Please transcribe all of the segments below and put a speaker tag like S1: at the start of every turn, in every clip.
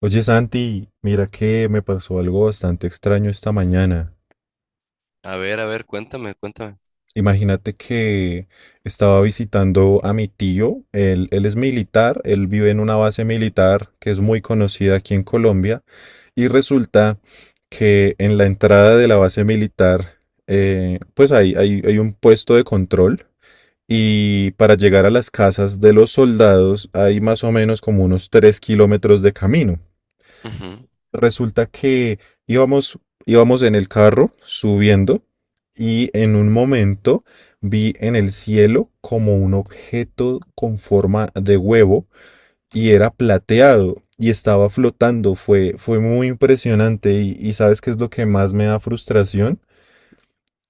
S1: Oye Santi, mira que me pasó algo bastante extraño esta mañana.
S2: A ver, cuéntame, cuéntame.
S1: Imagínate que estaba visitando a mi tío, él es militar, él vive en una base militar que es muy conocida aquí en Colombia y resulta que en la entrada de la base militar, pues hay un puesto de control y para llegar a las casas de los soldados hay más o menos como unos 3 km de camino.
S2: Ujú.
S1: Resulta que íbamos, íbamos en el carro subiendo y en un momento vi en el cielo como un objeto con forma de huevo y era plateado y estaba flotando. Fue muy impresionante y ¿sabes qué es lo que más me da frustración?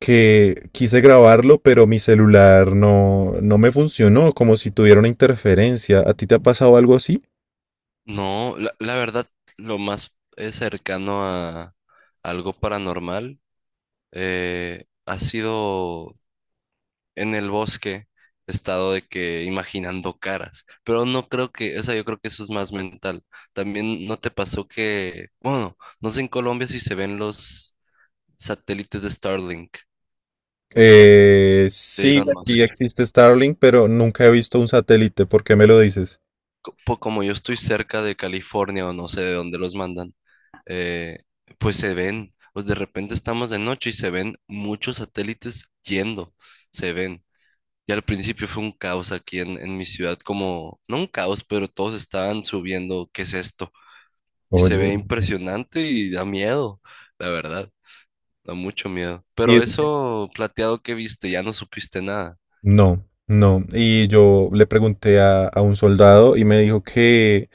S1: Que quise grabarlo, pero mi celular no me funcionó, como si tuviera una interferencia. ¿A ti te ha pasado algo así?
S2: No, la verdad, lo más cercano a algo paranormal ha sido en el bosque, he estado de que imaginando caras, pero no creo que, o sea, yo creo que eso es más mental. También no te pasó que, bueno, no sé en Colombia si se ven los satélites de Starlink, de
S1: Sí,
S2: Elon
S1: aquí
S2: Musk.
S1: existe Starlink, pero nunca he visto un satélite. ¿Por qué me lo dices?
S2: Como yo estoy cerca de California o no sé de dónde los mandan. eh, pues se ven, pues de repente estamos de noche y se ven muchos satélites yendo, se ven. Y al principio fue un caos aquí en mi ciudad, como, no un caos, pero todos estaban subiendo, ¿qué es esto? Y se
S1: Oye.
S2: ve impresionante y da miedo, la verdad, da mucho miedo. Pero eso plateado que viste, ya no supiste nada.
S1: No, no. Y yo le pregunté a un soldado y me dijo que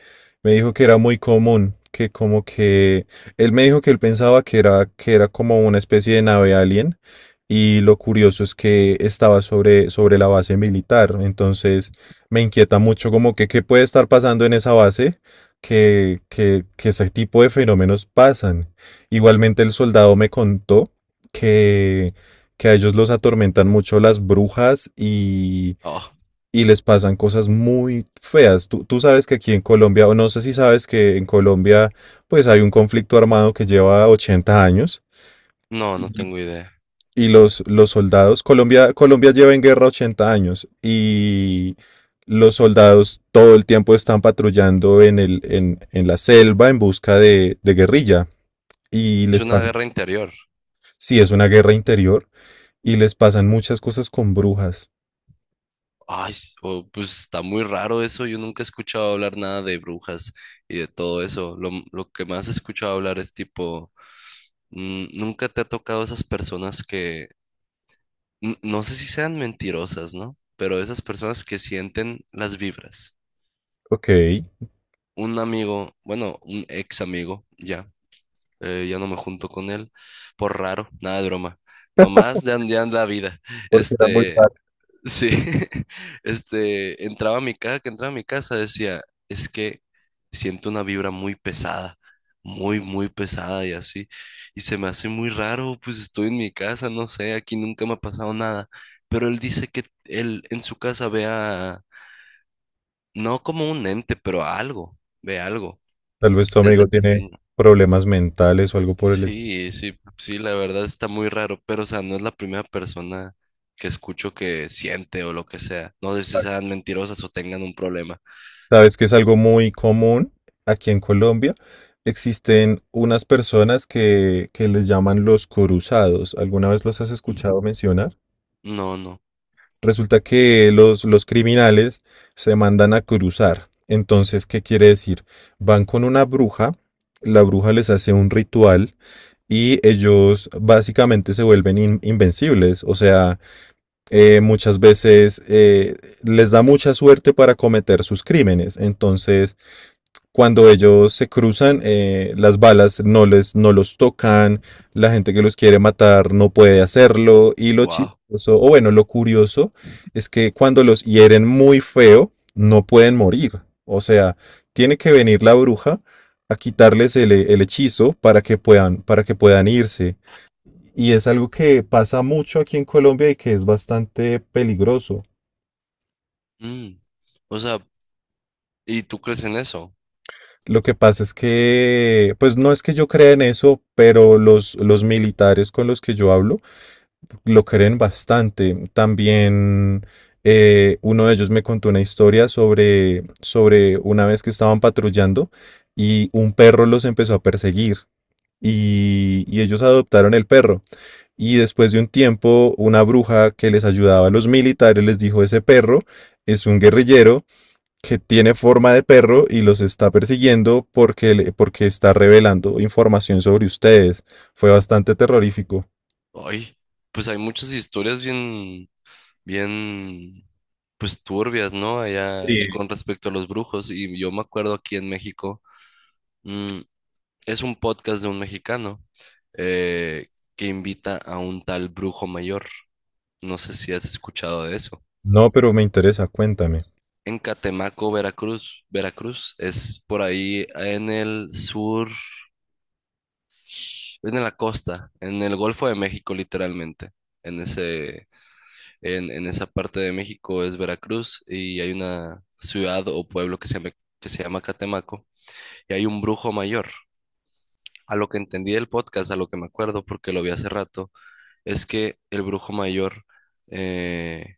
S1: me dijo que era muy común, que como que él me dijo que él pensaba que era como una especie de nave alien. Y lo curioso es que estaba sobre la base militar, entonces me inquieta mucho como que qué puede estar pasando en esa base, que ese tipo de fenómenos pasan. Igualmente el soldado me contó que, que a ellos los atormentan mucho las brujas y,
S2: Oh,
S1: y les pasan cosas muy feas. Tú sabes que aquí en Colombia, o no sé si sabes que en Colombia pues hay un conflicto armado que lleva 80 años.
S2: no, no tengo idea.
S1: Y los soldados, Colombia lleva en guerra 80 años y los soldados todo el tiempo están patrullando en la selva en busca de guerrilla. Y
S2: Es
S1: les
S2: una
S1: pasa,
S2: guerra interior.
S1: sí, es una guerra interior y les pasan muchas cosas con brujas.
S2: Ay, pues está muy raro eso. Yo nunca he escuchado hablar nada de brujas y de todo eso. Lo, lo que más he escuchado hablar es tipo, nunca te ha tocado esas personas que, no sé si sean mentirosas, ¿no? Pero esas personas que sienten las vibras.
S1: Ok,
S2: Un amigo, bueno, un ex amigo, ya, ya no me junto con él, por raro, nada de broma. Nomás de andean la vida.
S1: porque era muy
S2: Este,
S1: raro.
S2: sí, este, entraba a mi casa, que entraba a mi casa decía, es que siento una vibra muy pesada, muy, muy pesada y así, y se me hace muy raro, pues estoy en mi casa, no sé, aquí nunca me ha pasado nada, pero él dice que él en su casa ve a, no como un ente, pero a algo, ve algo
S1: Tal vez tu
S2: desde
S1: amigo tiene
S2: pequeño.
S1: problemas mentales o algo por el
S2: Sí, sí, sí, la verdad está muy raro, pero o sea, no es la primera persona que escucho que siente o lo que sea. No sé si
S1: estilo.
S2: sean mentirosas o tengan un problema.
S1: Sabes que es algo muy común aquí en Colombia. Existen unas personas que les llaman los coruzados. ¿Alguna vez los has escuchado mencionar?
S2: No, no.
S1: Resulta que los criminales se mandan a cruzar. Entonces, ¿qué quiere decir? Van con una bruja, la bruja les hace un ritual y ellos básicamente se vuelven invencibles. O sea, muchas veces les da mucha suerte para cometer sus crímenes. Entonces, cuando ellos se cruzan, las balas no los tocan, la gente que los quiere matar no puede hacerlo, y lo
S2: Wow.
S1: chistoso, o bueno, lo curioso, es que cuando los hieren muy feo, no pueden morir. O sea, tiene que venir la bruja a quitarles el hechizo para que puedan irse. Y es algo que pasa mucho aquí en Colombia y que es bastante peligroso.
S2: O sea, ¿y tú crees en eso?
S1: Lo que pasa es que, pues no es que yo crea en eso, pero los militares con los que yo hablo lo creen bastante. También uno de ellos me contó una historia sobre una vez que estaban patrullando y un perro los empezó a perseguir y ellos adoptaron el perro. Y después de un tiempo, una bruja que les ayudaba a los militares les dijo, ese perro es un guerrillero que tiene forma de perro y los está persiguiendo porque está revelando información sobre ustedes. Fue bastante terrorífico.
S2: Ay, pues hay muchas historias bien, bien, pues turbias, ¿no? Allá con respecto a los brujos. Y yo me acuerdo aquí en México, mm, es un podcast de un mexicano eh, que invita a un tal brujo mayor. No sé si has escuchado de eso.
S1: No, pero me interesa, cuéntame.
S2: En Catemaco, Veracruz, Veracruz es por ahí en el sur, en la costa, en el Golfo de México, literalmente. En ese, en esa parte de México es Veracruz y hay una ciudad o pueblo que se llama Catemaco y hay un brujo mayor. A lo que entendí del podcast, a lo que me acuerdo porque lo vi hace rato, es que el brujo mayor eh,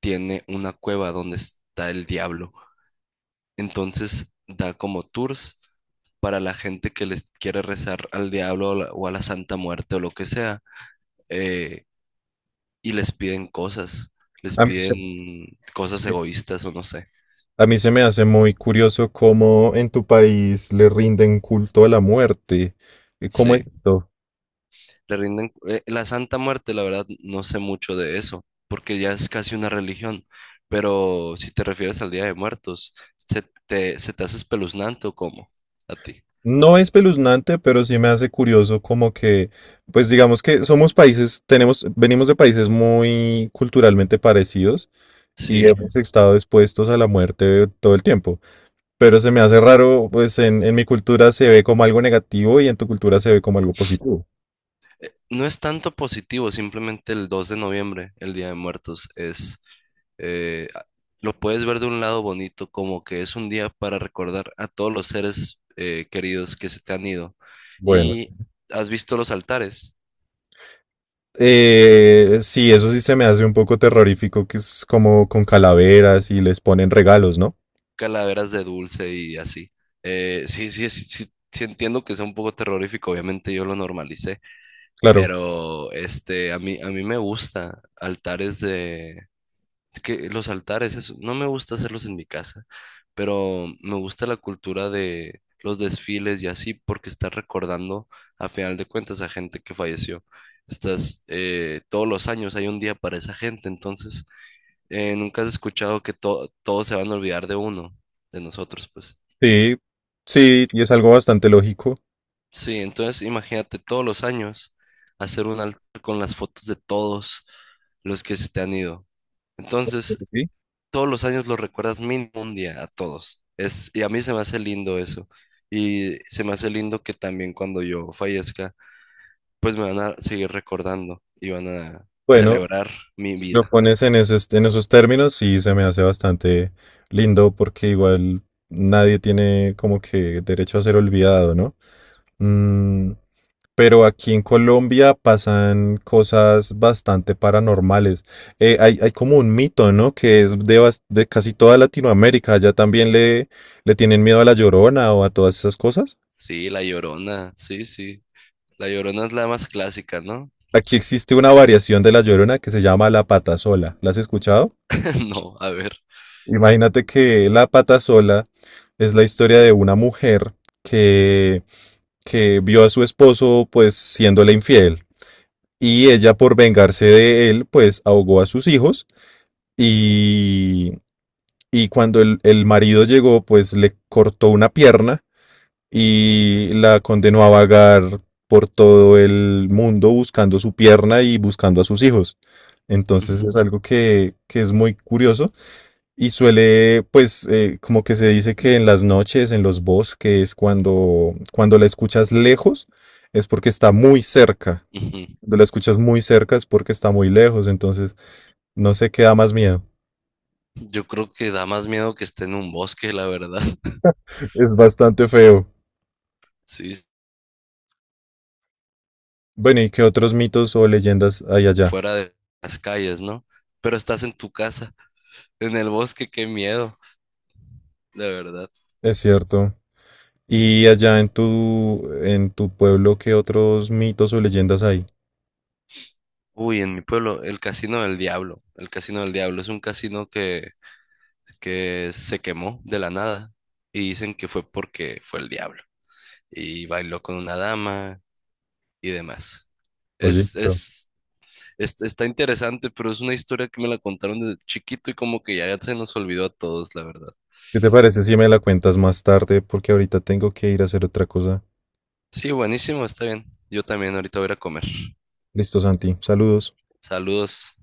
S2: tiene una cueva donde está el diablo. Entonces da como tours para la gente que les quiere rezar al diablo o a la Santa Muerte o lo que sea, eh, y les
S1: A mí se,
S2: piden cosas
S1: sí.
S2: egoístas o no sé.
S1: A mí se me hace muy curioso cómo en tu país le rinden culto a la muerte. ¿Cómo es
S2: Sí,
S1: esto?
S2: le rinden... la Santa Muerte, la verdad, no sé mucho de eso, porque ya es casi una religión, pero si te refieres al Día de Muertos, se te hace espeluznante o cómo? A ti.
S1: No es espeluznante, pero sí me hace curioso como que, pues digamos que somos países, tenemos, venimos de países muy culturalmente parecidos y
S2: Sí.
S1: ujú, hemos estado expuestos a la muerte todo el tiempo. Pero se me hace raro, pues en mi cultura se ve como algo negativo y en tu cultura se ve como algo positivo.
S2: No es tanto positivo, simplemente el 2 de noviembre, el Día de Muertos, es eh, a- lo puedes ver de un lado bonito, como que es un día para recordar a todos los seres queridos que se te han ido.
S1: Bueno,
S2: Y has visto los altares,
S1: sí, eso sí se me hace un poco terrorífico, que es como con calaveras y les ponen regalos, ¿no?
S2: calaveras de dulce y así. Sí, sí, sí, sí, sí, entiendo que sea un poco terrorífico, obviamente yo lo normalicé,
S1: Claro.
S2: pero este, a mí me gusta altares de es que los altares, eso, no me gusta hacerlos en mi casa, pero me gusta la cultura de los desfiles y así, porque estás recordando a final de cuentas a gente que falleció. Estás, todos los años hay un día para esa gente, entonces nunca has escuchado que todos se van a olvidar de uno, de nosotros, pues.
S1: Sí, sí, y es algo bastante lógico.
S2: Sí, entonces imagínate todos los años hacer un altar con las fotos de todos los que se te han ido. Entonces,
S1: Sí.
S2: todos los años los recuerdas mínimo un día a todos. Es, y a mí se me hace lindo eso. Y se me hace lindo que también cuando yo fallezca, pues me van a seguir recordando y van a
S1: Bueno,
S2: celebrar mi
S1: si lo
S2: vida.
S1: pones en esos términos, sí se me hace bastante lindo porque igual nadie tiene como que derecho a ser olvidado, ¿no? Mm. Pero aquí en Colombia pasan cosas bastante paranormales. Hay como un mito, ¿no? Que es de casi toda Latinoamérica. Allá también le tienen miedo a la Llorona o a todas esas cosas.
S2: Sí, La Llorona, sí, sí. La Llorona es la más clásica, ¿no?
S1: Aquí existe una variación de la Llorona que se llama la Patasola. ¿La has escuchado?
S2: No, a ver.
S1: Imagínate que la Patasola es la historia de una mujer que, que vio a su esposo pues siéndole infiel. Y ella por vengarse de él pues ahogó a sus hijos y, y cuando el marido llegó, pues le cortó una pierna y la condenó a vagar por todo el mundo buscando su pierna y buscando a sus hijos. Entonces
S2: Ujú,
S1: es algo que es muy curioso y suele, pues, como que se dice que en las noches, en los bosques, cuando la escuchas lejos, es porque está muy cerca.
S2: ujú.
S1: Cuando la escuchas muy cerca es porque está muy lejos. Entonces, no sé qué da más miedo.
S2: Yo creo que da más miedo que esté en un bosque, la verdad.
S1: Es bastante feo.
S2: Sí,
S1: Bueno, ¿y qué otros mitos o leyendas hay allá?
S2: fuera de las calles, ¿no? Pero estás en tu casa, en el bosque, qué miedo, la verdad.
S1: Es cierto. ¿Y allá en tu pueblo, qué otros mitos o leyendas hay?
S2: Uy, en mi pueblo, el Casino del Diablo. El Casino del Diablo es un casino que se quemó de la nada y dicen que fue porque fue el diablo y bailó con una dama y demás.
S1: Oye,
S2: Es,
S1: pero,
S2: es, Está interesante, pero es una historia que me la contaron desde chiquito y como que ya se nos olvidó a todos, la verdad.
S1: ¿qué te parece si me la cuentas más tarde? Porque ahorita tengo que ir a hacer otra cosa.
S2: Sí, buenísimo, está bien. Yo también ahorita voy a ir a comer.
S1: Listo, Santi. Saludos.
S2: Saludos.